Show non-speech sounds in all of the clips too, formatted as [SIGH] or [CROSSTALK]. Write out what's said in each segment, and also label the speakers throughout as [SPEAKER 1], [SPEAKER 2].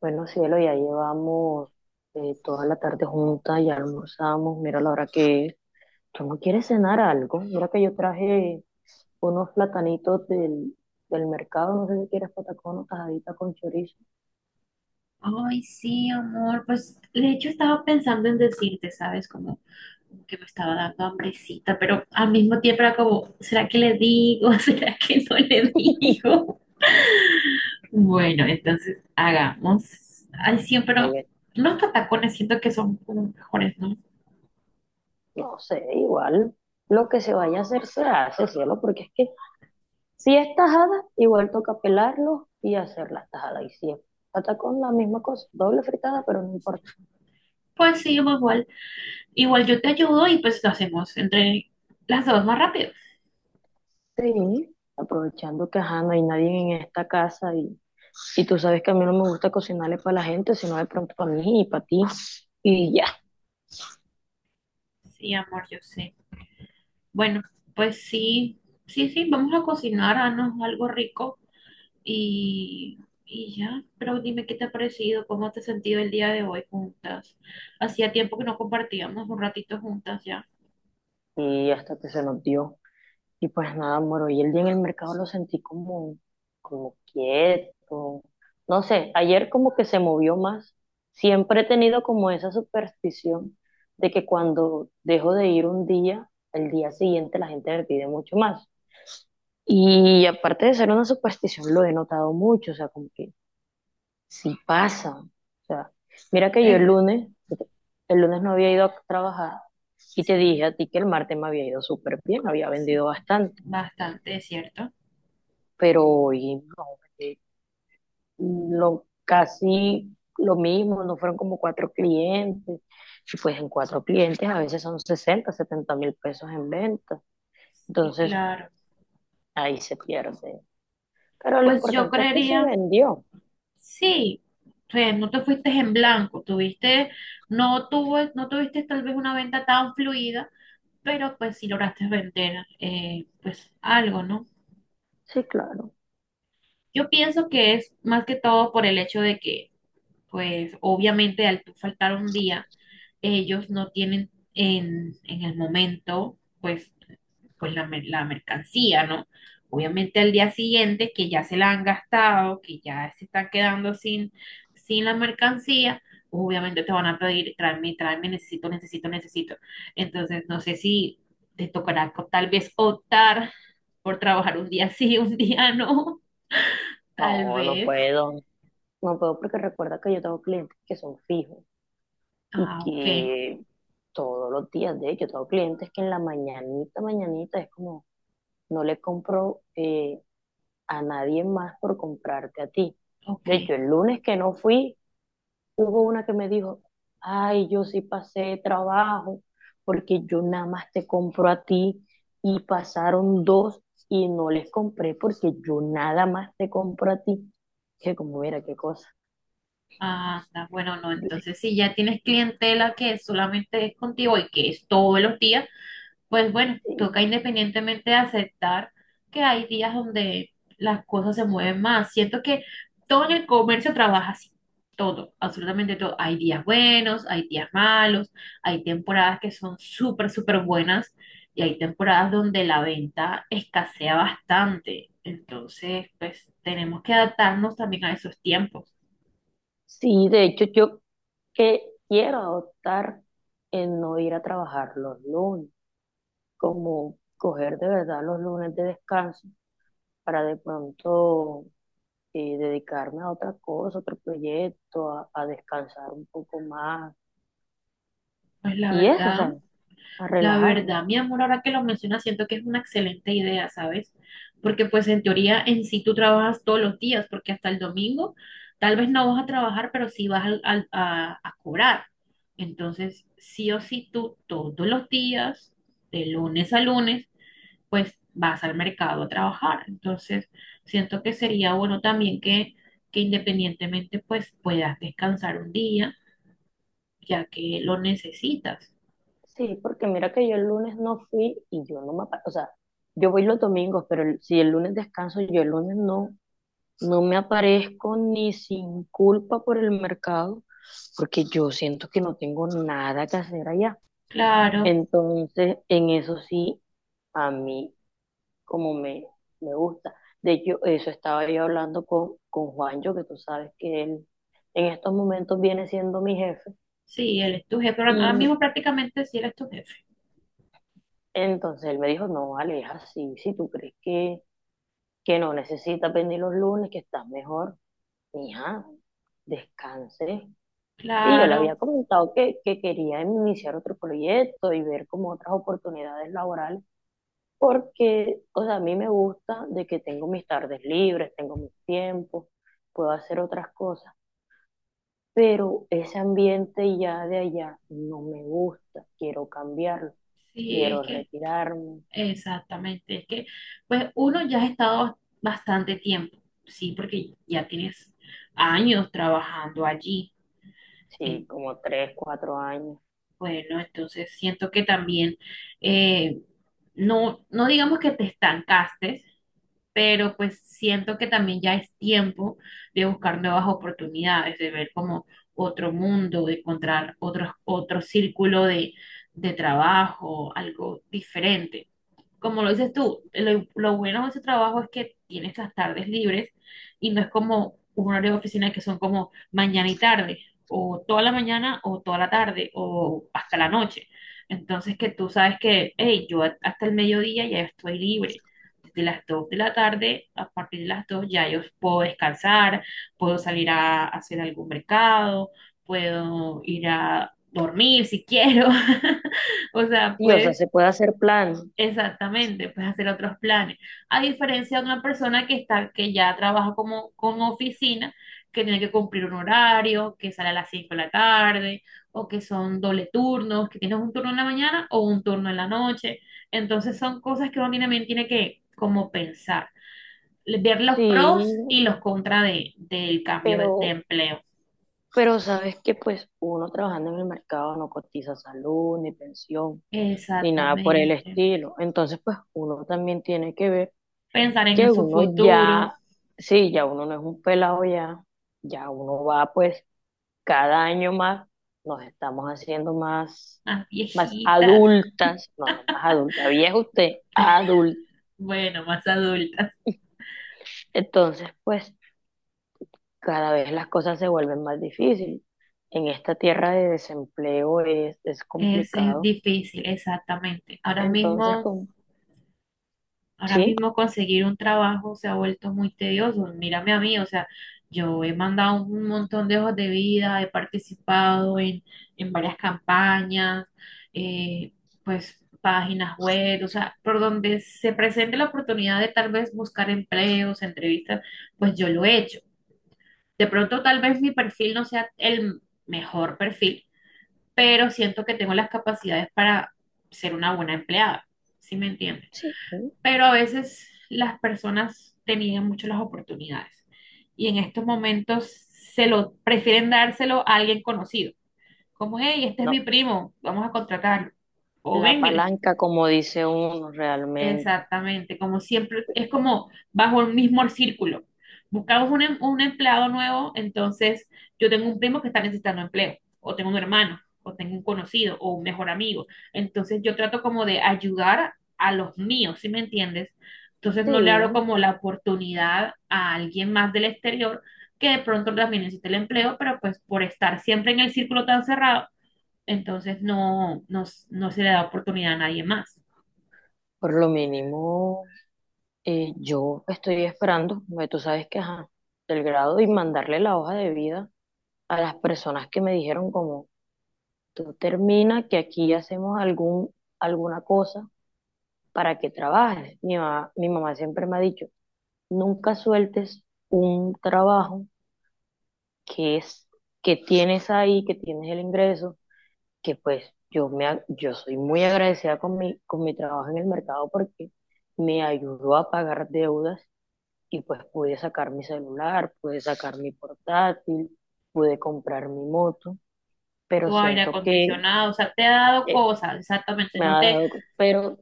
[SPEAKER 1] Bueno, cielo, ya llevamos toda la tarde juntas, ya almorzamos, mira la hora que es. ¿Tú no quieres cenar algo? Mira que yo traje unos platanitos del mercado, no sé si quieres patacón o tajadita con chorizo.
[SPEAKER 2] Ay, sí, amor. Pues de hecho estaba pensando en decirte, ¿sabes? Como que me estaba dando hambrecita, pero al mismo tiempo era como, ¿será que le digo? [LAUGHS] ¿Será que no le digo? Bueno, entonces hagamos. Ay, sí,
[SPEAKER 1] Ahí
[SPEAKER 2] pero
[SPEAKER 1] ven.
[SPEAKER 2] los patacones siento que son como mejores, ¿no?
[SPEAKER 1] No sé, igual lo que se vaya a hacer se hace, cielo, porque es que si es tajada, igual toca pelarlo y hacer la tajada. Y si es patacón, la misma cosa, doble fritada, pero no importa.
[SPEAKER 2] Pues sí, amor, igual. Igual yo te ayudo y pues lo hacemos entre las dos más rápido.
[SPEAKER 1] Sí, aprovechando que ajá, no hay nadie en esta casa y tú sabes que a mí no me gusta cocinarle para la gente, sino de pronto para mí y para ti. Y ya,
[SPEAKER 2] Sí, amor, yo sé. Bueno, pues sí, sí, sí, vamos a cocinarnos algo rico. Y, y ya, pero dime qué te ha parecido, cómo te has sentido el día de hoy juntas. Hacía tiempo que no compartíamos un ratito juntas ya.
[SPEAKER 1] y hasta que se nos dio. Y pues nada, amor, y el día en el mercado lo sentí como, como quieto. No sé, ayer como que se movió más. Siempre he tenido como esa superstición de que cuando dejo de ir un día, el día siguiente la gente me pide mucho más. Y aparte de ser una superstición, lo he notado mucho, o sea, como que sí pasa. O sea, mira que yo el
[SPEAKER 2] Eh,
[SPEAKER 1] lunes, el lunes no había ido a trabajar y te dije
[SPEAKER 2] Sí,
[SPEAKER 1] a ti que el martes me había ido súper bien, había
[SPEAKER 2] sí,
[SPEAKER 1] vendido bastante,
[SPEAKER 2] bastante, es ¿cierto?
[SPEAKER 1] pero hoy no, eh, casi lo mismo, no fueron como cuatro clientes. Si fuesen cuatro clientes, a veces son 60 70 mil pesos en venta.
[SPEAKER 2] Sí,
[SPEAKER 1] Entonces,
[SPEAKER 2] claro.
[SPEAKER 1] ahí se pierde. Pero lo
[SPEAKER 2] Pues yo
[SPEAKER 1] importante es que se
[SPEAKER 2] creería,
[SPEAKER 1] vendió.
[SPEAKER 2] sí, o sea, no te fuiste en blanco, tuviste, no tuvo, no tuviste tal vez una venta tan fluida, pero pues sí lograste vender, pues algo, ¿no?
[SPEAKER 1] Sí, claro.
[SPEAKER 2] Yo pienso que es más que todo por el hecho de que pues obviamente al tú faltar un día, ellos no tienen en el momento, pues la mercancía, ¿no? Obviamente al día siguiente, que ya se la han gastado, que ya se están quedando sin la mercancía, obviamente te van a pedir, tráeme, tráeme, necesito, necesito, necesito. Entonces, no sé si te tocará tal vez optar por trabajar un día sí, [LAUGHS] un día no, tal
[SPEAKER 1] No, no
[SPEAKER 2] vez.
[SPEAKER 1] puedo. No puedo porque recuerda que yo tengo clientes que son fijos. Y
[SPEAKER 2] Ah, ok,
[SPEAKER 1] que todos los días, de hecho, tengo clientes que en la mañanita, mañanita es como, no le compro, a nadie más por comprarte a ti.
[SPEAKER 2] ok.
[SPEAKER 1] De hecho, el lunes que no fui, hubo una que me dijo, ay, yo sí pasé de trabajo porque yo nada más te compro a ti y pasaron dos y no les compré porque yo nada más te compro a ti. Que como, mira, qué cosa.
[SPEAKER 2] Anda, bueno, no,
[SPEAKER 1] [LAUGHS]
[SPEAKER 2] entonces si ya tienes clientela que solamente es contigo y que es todos los días, pues bueno, toca independientemente aceptar que hay días donde las cosas se mueven más. Siento que todo en el comercio trabaja así, todo, absolutamente todo. Hay días buenos, hay días malos, hay temporadas que son súper, súper buenas y hay temporadas donde la venta escasea bastante. Entonces, pues tenemos que adaptarnos también a esos tiempos.
[SPEAKER 1] Sí, de hecho, yo que quiero adoptar en no ir a trabajar los lunes, como coger de verdad los lunes de descanso para de pronto, dedicarme a otra cosa, otro proyecto, a descansar un poco más
[SPEAKER 2] Pues la
[SPEAKER 1] y eso, o
[SPEAKER 2] verdad.
[SPEAKER 1] sea, a
[SPEAKER 2] La
[SPEAKER 1] relajarme.
[SPEAKER 2] verdad, mi amor, ahora que lo mencionas, siento que es una excelente idea, ¿sabes? Porque pues en teoría en sí tú trabajas todos los días, porque hasta el domingo tal vez no vas a trabajar, pero sí vas a cobrar. Entonces, sí o sí tú todos los días, de lunes a lunes, pues vas al mercado a trabajar. Entonces, siento que sería bueno también que independientemente pues puedas descansar un día, ya que lo necesitas.
[SPEAKER 1] Sí, porque mira que yo el lunes no fui y yo no me, o sea, yo voy los domingos, pero si el lunes descanso, yo el lunes no, no me aparezco ni sin culpa por el mercado. Porque yo siento que no tengo nada que hacer allá.
[SPEAKER 2] Claro.
[SPEAKER 1] Entonces, en eso sí, a mí como me gusta. De hecho, eso estaba yo hablando con Juancho, que tú sabes que él en estos momentos viene siendo mi jefe.
[SPEAKER 2] Sí, él es tu jefe. Ahora
[SPEAKER 1] Y
[SPEAKER 2] mismo prácticamente sí eres tu jefe.
[SPEAKER 1] entonces él me dijo, no, vale, es así, si tú crees que no necesitas venir los lunes, que estás mejor, mija, descanse. Y yo le había
[SPEAKER 2] Claro,
[SPEAKER 1] comentado que quería iniciar otro proyecto y ver como otras oportunidades laborales. Porque, o sea, a mí me gusta de que tengo mis tardes libres, tengo mis tiempos, puedo hacer otras cosas, pero ese ambiente ya de allá no me gusta, quiero cambiarlo,
[SPEAKER 2] sí, es
[SPEAKER 1] quiero
[SPEAKER 2] que,
[SPEAKER 1] retirarme,
[SPEAKER 2] exactamente, es que, pues uno ya ha estado bastante tiempo, sí, porque ya tienes años trabajando allí.
[SPEAKER 1] sí,
[SPEAKER 2] En-
[SPEAKER 1] como 3, 4 años.
[SPEAKER 2] bueno, entonces siento que también, eh, no, no digamos que te estancaste, pero pues siento que también ya es tiempo de buscar nuevas oportunidades, de ver como otro mundo, de encontrar otro círculo de trabajo, algo diferente como lo dices tú, lo bueno de ese trabajo es que tienes las tardes libres y no es como un horario de oficina que son como mañana y tarde, o toda la mañana o toda la tarde o hasta la noche. Entonces que tú sabes que, hey, yo hasta el mediodía ya estoy libre. Desde las 2 de la tarde, a partir de las 2 ya yo puedo descansar, puedo salir a hacer algún mercado, puedo ir a dormir si quiero. [LAUGHS] O sea,
[SPEAKER 1] Sí, o sea,
[SPEAKER 2] puedes
[SPEAKER 1] se puede hacer planes,
[SPEAKER 2] Exactamente, puedes hacer otros planes. A diferencia de una persona que está, que ya trabaja como con oficina, que tiene que cumplir un horario, que sale a las 5 de la tarde, o que son doble turnos, que tienes un turno en la mañana o un turno en la noche. Entonces son cosas que uno también tiene que como pensar, ver los pros
[SPEAKER 1] sí,
[SPEAKER 2] y los contras de, del cambio de
[SPEAKER 1] pero,
[SPEAKER 2] empleo.
[SPEAKER 1] pero sabes que pues uno trabajando en el mercado no cotiza salud, ni pensión, ni nada por el
[SPEAKER 2] Exactamente.
[SPEAKER 1] estilo, entonces pues uno también tiene que ver
[SPEAKER 2] Pensar en
[SPEAKER 1] que
[SPEAKER 2] su
[SPEAKER 1] uno
[SPEAKER 2] futuro.
[SPEAKER 1] ya, sí, ya uno no es un pelado ya, ya uno va pues cada año más, nos estamos haciendo más,
[SPEAKER 2] Las
[SPEAKER 1] más
[SPEAKER 2] viejitas.
[SPEAKER 1] adultas, no, no
[SPEAKER 2] [LAUGHS]
[SPEAKER 1] más adulta, vieja usted, adulta.
[SPEAKER 2] Bueno, más adultas.
[SPEAKER 1] Entonces, pues cada vez las cosas se vuelven más difíciles. En esta tierra de desempleo es
[SPEAKER 2] Es
[SPEAKER 1] complicado.
[SPEAKER 2] difícil, exactamente.
[SPEAKER 1] Entonces,
[SPEAKER 2] Ahora
[SPEAKER 1] sí,
[SPEAKER 2] mismo conseguir un trabajo se ha vuelto muy tedioso. Mírame a mí, o sea, yo he mandado un montón de hojas de vida, he participado en, varias campañas, eh, pues páginas web, o sea, por donde se presente la oportunidad de tal vez buscar empleos, entrevistas, pues yo lo he hecho. De pronto tal vez mi perfil no sea el mejor perfil, pero siento que tengo las capacidades para ser una buena empleada, ¿sí me entiendes?
[SPEAKER 1] sí, sí,
[SPEAKER 2] Pero a veces las personas te niegan mucho las oportunidades y en estos momentos se lo prefieren dárselo a alguien conocido, como, hey, este es
[SPEAKER 1] no.
[SPEAKER 2] mi primo, vamos a contratarlo. O
[SPEAKER 1] La
[SPEAKER 2] ven, mire,
[SPEAKER 1] palanca, como dice uno realmente.
[SPEAKER 2] exactamente, como siempre, es como bajo el mismo círculo. Buscamos un, un empleado nuevo, entonces yo tengo un primo que está necesitando empleo, o tengo un hermano, o tengo un conocido, o un mejor amigo. Entonces yo trato como de ayudar a los míos, ¿sí me entiendes? Entonces no le abro
[SPEAKER 1] Sí.
[SPEAKER 2] como la oportunidad a alguien más del exterior que de pronto también necesita el empleo, pero pues por estar siempre en el círculo tan cerrado, entonces no, no, no se le da oportunidad a nadie más.
[SPEAKER 1] Por lo mínimo, yo estoy esperando, porque tú sabes que, ajá, el grado y mandarle la hoja de vida a las personas que me dijeron como, tú termina que aquí hacemos algún, alguna cosa para que trabajes. Mi mamá siempre me ha dicho, nunca sueltes un trabajo que es, que tienes ahí, que tienes el ingreso, que pues yo me, yo soy muy agradecida con mi trabajo en el mercado porque me ayudó a pagar deudas y pues pude sacar mi celular, pude sacar mi portátil, pude comprar mi moto, pero
[SPEAKER 2] Tu aire
[SPEAKER 1] siento que,
[SPEAKER 2] acondicionado, o sea, te ha dado
[SPEAKER 1] eh,
[SPEAKER 2] cosas, exactamente,
[SPEAKER 1] me
[SPEAKER 2] no
[SPEAKER 1] ha
[SPEAKER 2] te
[SPEAKER 1] dado, pero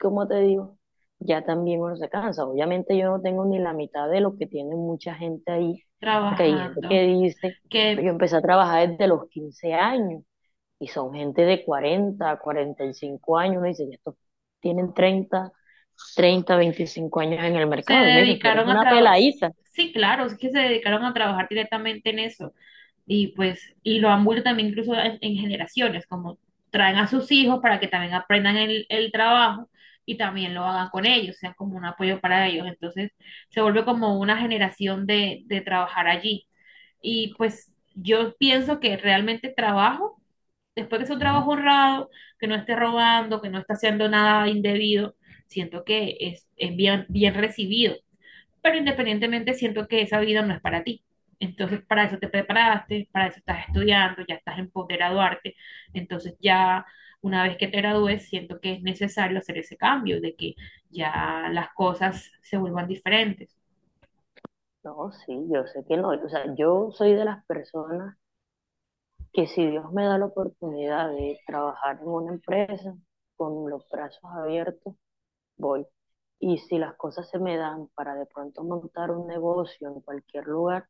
[SPEAKER 1] como te digo, ya también uno se cansa. Obviamente yo no tengo ni la mitad de lo que tiene mucha gente ahí, porque hay gente
[SPEAKER 2] trabajando,
[SPEAKER 1] que dice, pues
[SPEAKER 2] que
[SPEAKER 1] yo empecé a trabajar desde los 15 años y son gente de 40 45 años, uno dice, ya estos tienen 30 30 25 años en el
[SPEAKER 2] se
[SPEAKER 1] mercado y me dicen, tú eres
[SPEAKER 2] dedicaron a
[SPEAKER 1] una
[SPEAKER 2] trabajar,
[SPEAKER 1] peladita.
[SPEAKER 2] sí, claro, es que se dedicaron a trabajar directamente en eso, y pues, y lo han vuelto también incluso en generaciones, como traen a sus hijos para que también aprendan el trabajo y también lo hagan con ellos, sean como un apoyo para ellos, entonces se vuelve como una generación de trabajar allí, y pues yo pienso que realmente trabajo después que es un trabajo honrado, que no esté robando, que no esté haciendo nada indebido, siento que es bien, bien recibido. Pero independientemente siento que esa vida no es para ti. Entonces, para eso te preparaste, para eso estás estudiando, ya estás en poder graduarte. Entonces, ya una vez que te gradúes, siento que es necesario hacer ese cambio, de que ya las cosas se vuelvan diferentes.
[SPEAKER 1] No, sí, yo sé que no. O sea, yo soy de las personas que si Dios me da la oportunidad de trabajar en una empresa con los brazos abiertos, voy. Y si las cosas se me dan para de pronto montar un negocio en cualquier lugar,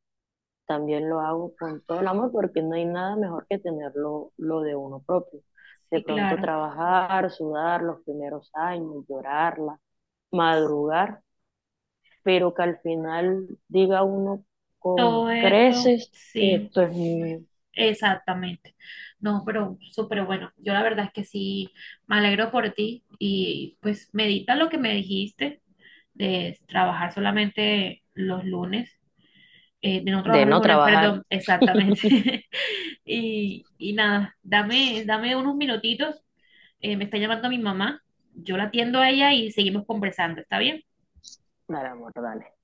[SPEAKER 1] también lo hago con todo el amor porque no hay nada mejor que tenerlo lo de uno propio. De
[SPEAKER 2] Sí,
[SPEAKER 1] pronto
[SPEAKER 2] claro.
[SPEAKER 1] trabajar, sudar los primeros años, llorarla, madrugar, pero que al final diga uno con
[SPEAKER 2] Todo esto,
[SPEAKER 1] creces,
[SPEAKER 2] sí.
[SPEAKER 1] esto es mío,
[SPEAKER 2] Exactamente. No, pero súper bueno. Yo la verdad es que sí, me alegro por ti y pues medita lo que me dijiste de trabajar solamente los lunes, de no trabajar
[SPEAKER 1] de
[SPEAKER 2] los
[SPEAKER 1] no
[SPEAKER 2] lunes,
[SPEAKER 1] trabajar,
[SPEAKER 2] perdón, exactamente. [LAUGHS] Y, y nada, dame, dame unos minutitos. Me está llamando mi mamá. Yo la atiendo a ella y seguimos conversando. ¿Está bien?
[SPEAKER 1] dar amor, dale.